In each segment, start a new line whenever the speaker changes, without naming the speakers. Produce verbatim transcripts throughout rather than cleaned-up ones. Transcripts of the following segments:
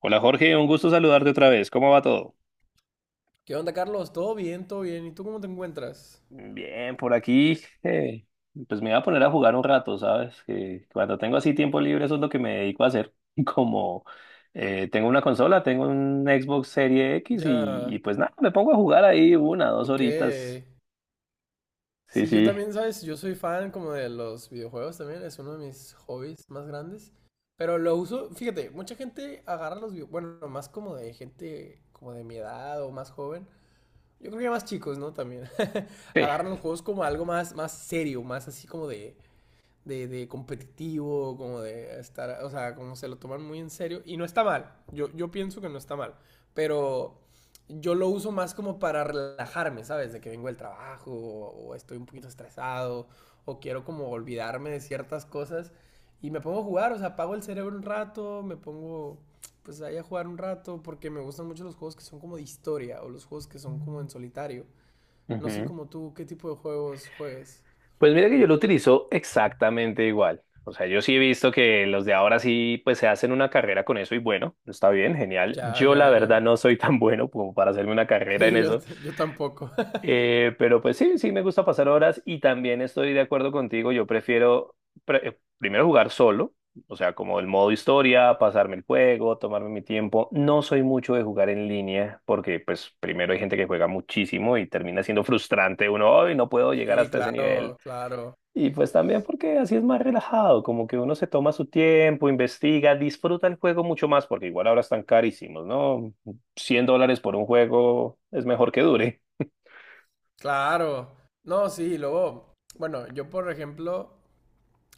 Hola Jorge, un gusto saludarte otra vez. ¿Cómo va todo?
¿Qué onda, Carlos? ¿Todo bien? ¿Todo bien? ¿Y tú cómo te encuentras?
Bien, por aquí, eh, pues me voy a poner a jugar un rato, ¿sabes? Que cuando tengo así tiempo libre, eso es lo que me dedico a hacer. Como eh, tengo una consola, tengo un Xbox Serie X y,
Ya,
y pues nada, me pongo a jugar ahí una, dos
ok.
horitas. Sí,
Sí, yo
sí.
también, ¿sabes? Yo soy fan como de los videojuegos también, es uno de mis hobbies más grandes. Pero lo uso, fíjate, mucha gente agarra los videojuegos, bueno, más como de gente como de mi edad o más joven. Yo creo que más chicos, ¿no? También.
Sí.
Agarran los juegos como algo más, más serio, más así como de, de, de competitivo, como de estar, o sea, como se lo toman muy en serio. Y no está mal, yo, yo pienso que no está mal, pero yo lo uso más como para relajarme, ¿sabes? De que vengo del trabajo o, o estoy un poquito estresado o quiero como olvidarme de ciertas cosas y me pongo a jugar, o sea, apago el cerebro un rato, me pongo pues ahí a jugar un rato porque me gustan mucho los juegos que son como de historia o los juegos que son como en solitario. No sé
Ujú.
como tú qué tipo de juegos juegues.
Pues mira que yo lo utilizo exactamente igual. O sea, yo sí he visto que los de ahora sí, pues se hacen una carrera con eso y bueno, está bien, genial.
Ya,
Yo
ya,
la verdad
ya.
no soy tan bueno como para hacerme una carrera en
Sí, yo,
eso.
yo tampoco.
Eh, pero pues sí, sí me gusta pasar horas y también estoy de acuerdo contigo. Yo prefiero pre- eh, primero jugar solo, o sea, como el modo historia, pasarme el juego, tomarme mi tiempo. No soy mucho de jugar en línea porque pues primero hay gente que juega muchísimo y termina siendo frustrante uno, hoy no puedo llegar
Sí,
hasta ese nivel.
claro, claro,
Y pues también porque así es más relajado, como que uno se toma su tiempo, investiga, disfruta el juego mucho más, porque igual ahora están carísimos, ¿no? Cien dólares por un juego es mejor que dure.
claro. No, sí, luego, bueno, yo por ejemplo,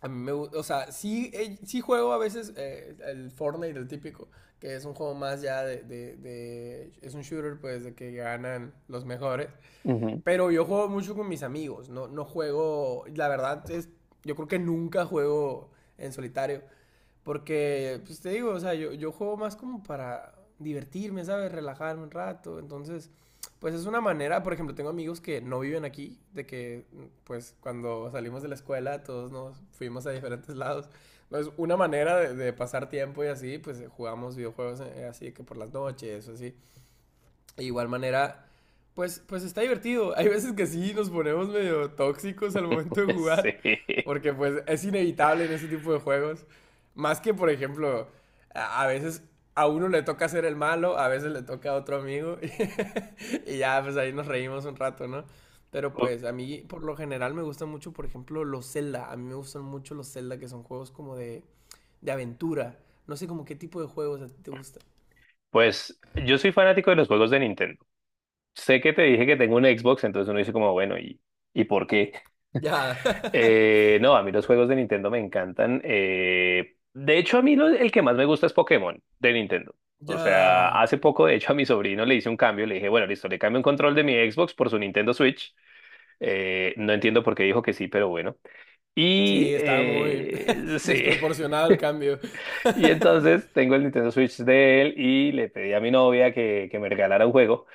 a mí me gusta, o sea, sí, eh, sí juego a veces eh, el Fortnite, el típico, que es un juego más ya de, de, de- es un shooter pues de que ganan los mejores.
Ujú.
Pero yo juego mucho con mis amigos, no, no juego, la verdad es, yo creo que nunca juego en solitario, porque, pues te digo, o sea, yo, yo juego más como para divertirme, ¿sabes? Relajarme un rato, entonces, pues es una manera, por ejemplo, tengo amigos que no viven aquí, de que, pues cuando salimos de la escuela todos nos fuimos a diferentes lados, entonces una manera de, de pasar tiempo y así, pues jugamos videojuegos eh, así que por las noches o así. De igual manera, pues, pues está divertido. Hay veces que sí nos ponemos medio tóxicos al momento de jugar,
Sí.
porque pues es inevitable en ese tipo de juegos. Más que, por ejemplo, a a veces a uno le toca ser el malo, a veces le toca a otro amigo, y ya, pues ahí nos reímos un rato, ¿no? Pero
Pu-
pues a mí por lo general me gustan mucho, por ejemplo, los Zelda. A mí me gustan mucho los Zelda, que son juegos como de, de aventura. No sé como qué tipo de juegos a ti te gustan.
Pues yo soy fanático de los juegos de Nintendo. Sé que te dije que tengo un Xbox, entonces uno dice como, bueno, ¿y, ¿y por qué?
Ya.
Eh, no, a mí los juegos de Nintendo me encantan. Eh, de hecho, a mí lo- el que más me gusta es Pokémon de Nintendo. O sea,
Ya.
hace poco, de hecho, a mi sobrino le hice un cambio. Le dije, bueno, listo, le cambio un control de mi Xbox por su Nintendo Switch. Eh, no entiendo por qué dijo que sí, pero bueno. Y
Sí, estaba muy
eh, sí.
desproporcionado el cambio.
Y entonces tengo el Nintendo Switch de él y le pedí a mi novia que, que me regalara un juego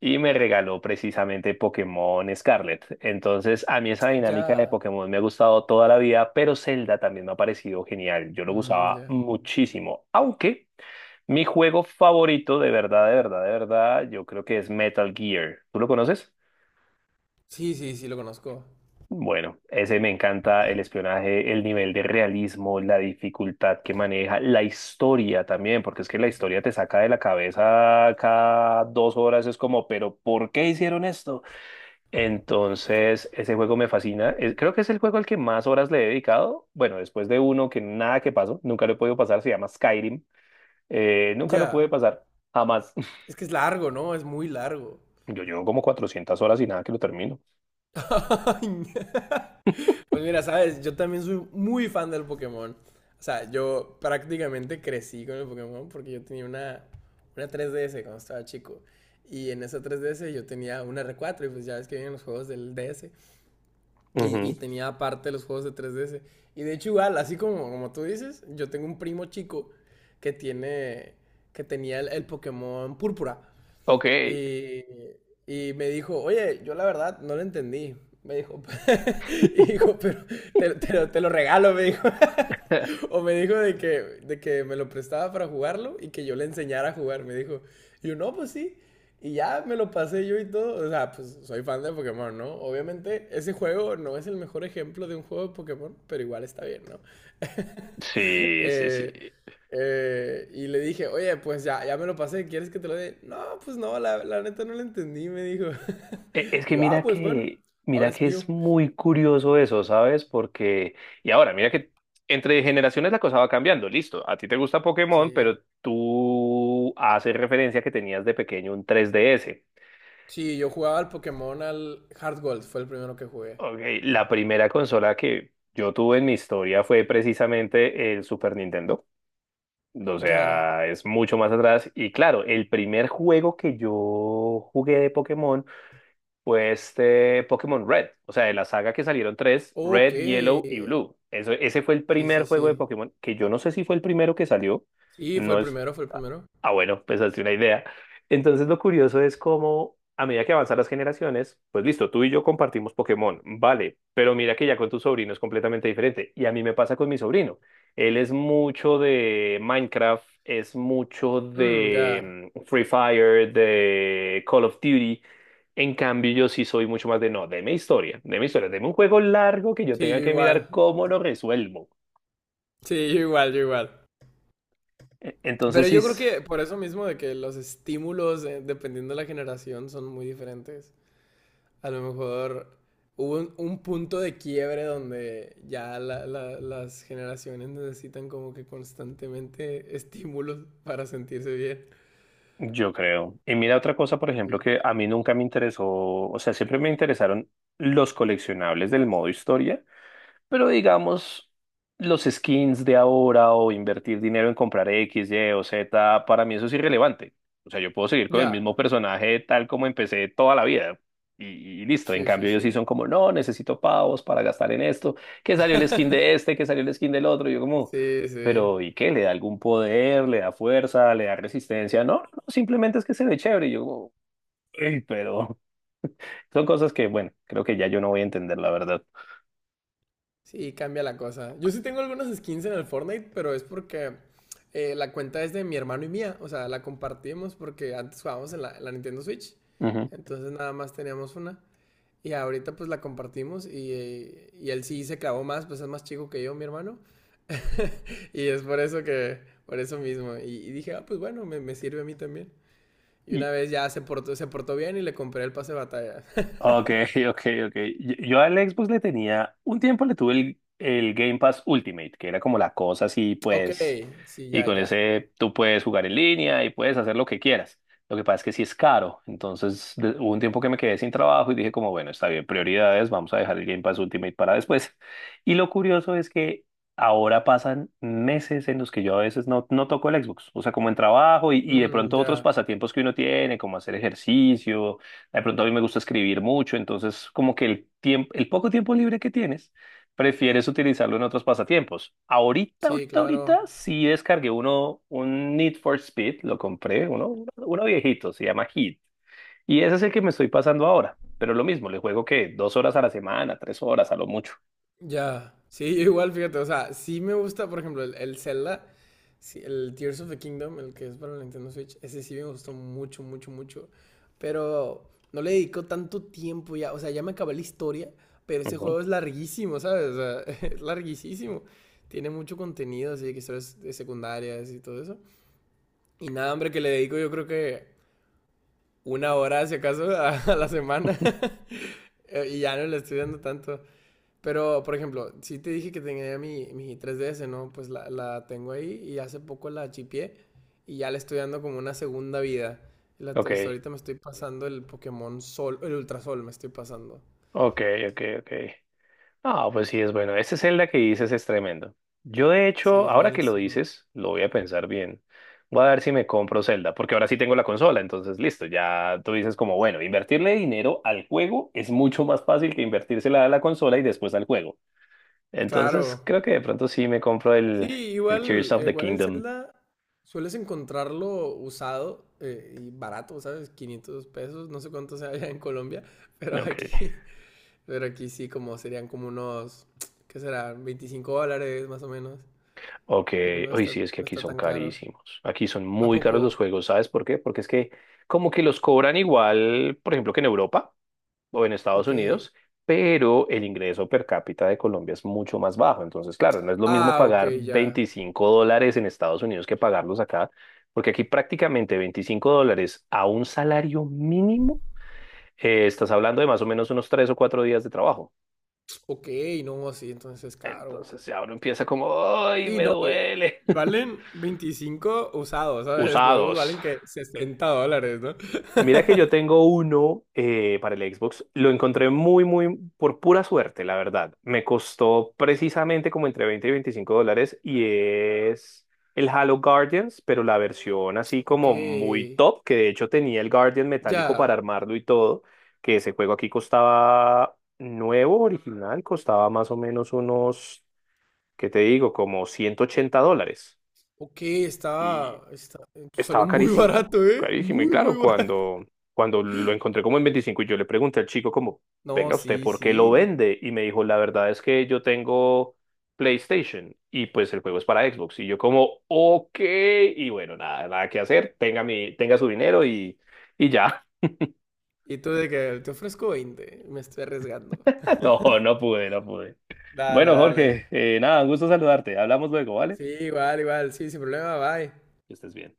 y me regaló precisamente Pokémon Scarlet. Entonces a mí esa dinámica de
Ya.
Pokémon me ha gustado toda la vida, pero Zelda también me ha parecido genial. Yo lo
Mm,
usaba
ya.
muchísimo, aunque mi juego favorito de verdad, de verdad, de verdad, yo creo que es Metal Gear. ¿Tú lo conoces?
Sí, sí, sí, lo conozco.
Bueno, ese me encanta, el espionaje, el nivel de realismo, la dificultad que maneja, la historia también, porque es que la historia te saca de la cabeza cada dos horas, es como, pero ¿por qué hicieron esto? Entonces, ese juego me fascina, es- creo que es el juego al que más horas le he dedicado, bueno, después de uno que nada que pasó, nunca lo he podido pasar, se llama Skyrim. Eh, nunca lo pude
Ya.
pasar, jamás.
Es que es largo, ¿no? Es muy largo.
Yo llevo como cuatrocientas horas y nada que lo termino.
Ay, pues mira, sabes, yo también soy muy fan del Pokémon. O sea, yo prácticamente crecí con el Pokémon porque yo tenía una, una tres D S cuando estaba chico. Y en esa tres D S yo tenía una R cuatro y pues ya ves que vienen los juegos del D S. Y, y,
Ujú.
tenía aparte los juegos de tres D S. Y de hecho, igual, así como, como tú dices, yo tengo un primo chico que tiene. Que tenía el, el Pokémon Púrpura.
Ok.
Y, y, me dijo, oye, yo la verdad no lo entendí. Me dijo, y dijo, pero te, te, lo, te lo regalo, me dijo. O me dijo de que, de que me lo prestaba para jugarlo y que yo le enseñara a jugar. Me dijo, y yo, no, pues sí. Y ya me lo pasé yo y todo. O sea, pues soy fan de Pokémon, ¿no? Obviamente, ese juego no es el mejor ejemplo de un juego de Pokémon, pero igual está bien, ¿no?
Sí, sí, sí.
Eh, eh, y le dije, oye, pues ya, ya me lo pasé, ¿quieres que te lo dé? No, pues no, la, la neta no lo entendí, me dijo.
E- Es
Y
que
yo, ah,
mira
pues bueno,
que,
ahora
mira
es
que
mío.
es muy curioso eso, ¿sabes? Porque, y ahora, mira que entre generaciones la cosa va cambiando, listo. A ti te gusta Pokémon,
Sí.
pero tú haces referencia que tenías de pequeño un tres D S.
Sí, yo jugaba al Pokémon al Heart Gold, fue el primero que jugué.
Ok, la primera consola que yo tuve en mi historia fue precisamente el Super Nintendo. O
Ya.
sea, es mucho más atrás. Y claro, el primer juego que yo jugué de Pokémon fue este Pokémon Red. O sea, de la saga que salieron tres,
Ok.
Red, Yellow y
Sí,
Blue. Eso, ese fue el primer
sí,
juego de
sí.
Pokémon, que yo no sé si fue el primero que salió.
Sí, fue
No,
el
es,
primero, fue el primero.
Ah, bueno, pensaste una idea. Entonces lo curioso es cómo a medida que avanzan las generaciones, pues listo, tú y yo compartimos Pokémon, vale, pero mira que ya con tu sobrino es completamente diferente. Y a mí me pasa con mi sobrino. Él es mucho de Minecraft, es mucho
Mm, ya.
de mm, Free Fire, de Call of Duty. En cambio, yo sí soy mucho más de no, deme historia, deme historia, deme un juego largo que yo
Sí,
tenga
yo
que mirar
igual.
cómo lo resuelvo.
Sí, yo igual, yo igual.
E-
Pero
Entonces sí.
yo creo que por eso mismo de que los estímulos, eh, dependiendo de la generación, son muy diferentes. A lo mejor hubo un, un punto de quiebre donde ya la- la- las generaciones necesitan como que constantemente estímulos para sentirse bien.
Yo creo. Y mira otra cosa, por ejemplo, que a mí nunca me interesó, o sea, siempre me interesaron los coleccionables del modo historia. Pero digamos, los skins de ahora o invertir dinero en comprar X, Y o Z, para mí eso es irrelevante. O sea, yo puedo seguir con el
Ya.
mismo personaje tal como empecé toda la vida. Y, y listo, en
Sí, sí,
cambio ellos
sí.
sí son como, no, necesito pavos para gastar en esto, que salió el skin de este, que salió el skin del otro, y yo como,
Sí, sí.
pero ¿y qué? ¿Le da algún poder? ¿Le da fuerza? ¿Le da resistencia? No, no, no, simplemente es que se ve chévere, y yo como, "Ey, pero son cosas que, bueno, creo que ya yo no voy a entender la verdad.
Sí, cambia la cosa. Yo sí tengo algunas skins en el Fortnite, pero es porque eh, la cuenta es de mi hermano y mía. O sea, la compartimos porque antes jugábamos en la, en la Nintendo Switch.
Ujú.
Entonces nada más teníamos una. Y ahorita pues la compartimos y, eh, y él sí se clavó más, pues es más chico que yo, mi hermano. Y es por eso que, por eso mismo. Y, y dije, ah, pues bueno, me, me sirve a mí también. Y una vez ya se portó, se portó bien y le compré el pase de batalla.
Ok, ok, ok. Yo, yo al Xbox le tenía, un tiempo le tuve el, el Game Pass Ultimate, que era como la cosa así,
Ok,
pues,
sí,
y
ya,
con
ya.
ese tú puedes jugar en línea y puedes hacer lo que quieras. Lo que pasa es que sí es caro, entonces de- hubo un tiempo que me quedé sin trabajo y dije como, bueno, está bien, prioridades, vamos a dejar el Game Pass Ultimate para después. Y lo curioso es que ahora pasan meses en los que yo a veces no, no toco el Xbox, o sea, como en trabajo y, y de
Mm,
pronto otros
ya.
pasatiempos que uno tiene, como hacer ejercicio, de pronto a mí me gusta escribir mucho, entonces como que el tiempo, el poco tiempo libre que tienes, prefieres utilizarlo en otros pasatiempos. Ahorita,
Sí,
ahorita,
claro.
ahorita sí descargué uno, un Need for Speed, lo compré, uno, uno viejito, se llama Heat. Y ese es el que me estoy pasando ahora. Pero lo mismo, le juego que dos horas a la semana, tres horas a lo mucho.
Ya, sí, yo igual, fíjate, o sea, sí me gusta, por ejemplo, el, el Zelda, sí, el Tears of the Kingdom, el que es para la Nintendo Switch, ese sí me gustó mucho, mucho, mucho, pero no le dedicó tanto tiempo ya, o sea, ya me acabé la historia, pero ese
Ujú.
juego es larguísimo, ¿sabes? O sea, es larguísimo, tiene mucho contenido, así que historias de secundarias y todo eso, y nada, hombre, que le dedico yo creo que una hora, si acaso, a, a la semana, y ya no le estoy dando tanto. Pero, por ejemplo, si te dije que tenía mi, mi tres D S, ¿no? Pues la, la tengo ahí y hace poco la chipié y ya le estoy dando como una segunda vida. La-
Ok,
hasta ahorita me estoy pasando el Pokémon Sol, el Ultra Sol me estoy pasando.
ok, ok, ok. Ah, pues sí, es bueno. Este Zelda que dices es tremendo. Yo, de
Sí,
hecho,
es
ahora que lo
buenísimo.
dices, lo voy a pensar bien. Voy a ver si me compro Zelda, porque ahora sí tengo la consola, entonces listo, ya tú dices como, bueno, invertirle dinero al juego es mucho más fácil que invertírsela a la consola y después al juego. Entonces,
Claro.
creo que de pronto sí me compro
Sí,
el, el Tears
igual,
of the
igual el
Kingdom.
Zelda sueles encontrarlo usado eh, y barato, ¿sabes? quinientos pesos, no sé cuánto sea allá en Colombia, pero
Ok,
aquí, pero aquí sí como serían como unos, ¿qué será? veinticinco dólares más o menos.
ok.
No, no
Hoy
está,
sí, es que
no
aquí
está
son
tan caro.
carísimos. Aquí son
¿A
muy
poco?
caros los juegos, ¿sabes por qué? Porque es que como que los cobran igual, por ejemplo, que en Europa, o en Estados
Ok.
Unidos, pero el ingreso per cápita de Colombia es mucho más bajo. Entonces, claro, no es lo mismo
Ah, ok,
pagar
ya.
veinticinco dólares en Estados Unidos que pagarlos acá, porque aquí prácticamente veinticinco dólares a un salario mínimo, eh, estás hablando de más o menos unos tres o cuatro días de trabajo.
Ok, no, sí, entonces es caro.
Entonces ya uno empieza como, ¡ay,
Sí,
me
no, y
duele!
y valen veinticinco usados, ¿sabes? Nuevos
Usados.
valen que sesenta dólares, ¿no?
Mira que yo tengo uno eh, para el Xbox. Lo encontré muy, muy por pura suerte, la verdad. Me costó precisamente como entre veinte y veinticinco dólares y es el Halo Guardians, pero la versión así
Ok,
como muy top, que de hecho tenía el Guardian metálico
ya.
para armarlo y todo, que ese juego aquí costaba nuevo, original, costaba más o menos unos, ¿qué te digo? Como ciento ochenta dólares.
Ok, está,
Y
está. Salió
estaba
muy
carísimo,
barato, ¿eh?
carísimo. Y
Muy, muy
claro,
barato.
cuando, cuando lo encontré como en veinticinco y yo le pregunté al chico como,
No,
venga usted,
sí,
¿por qué lo
sí.
vende? Y me dijo, la verdad es que yo tengo PlayStation y pues el juego es para Xbox. Y yo como, ok, y bueno, nada, nada que hacer, tenga mi, tenga su dinero y, y ya.
Y tú de que te ofrezco veinte me estoy arriesgando.
No, no pude, no pude.
Dale,
Bueno, Jorge,
dale.
eh, nada, un gusto saludarte. Hablamos luego, ¿vale?
Sí, igual, igual. Sí, sin problema, bye.
Que estés bien.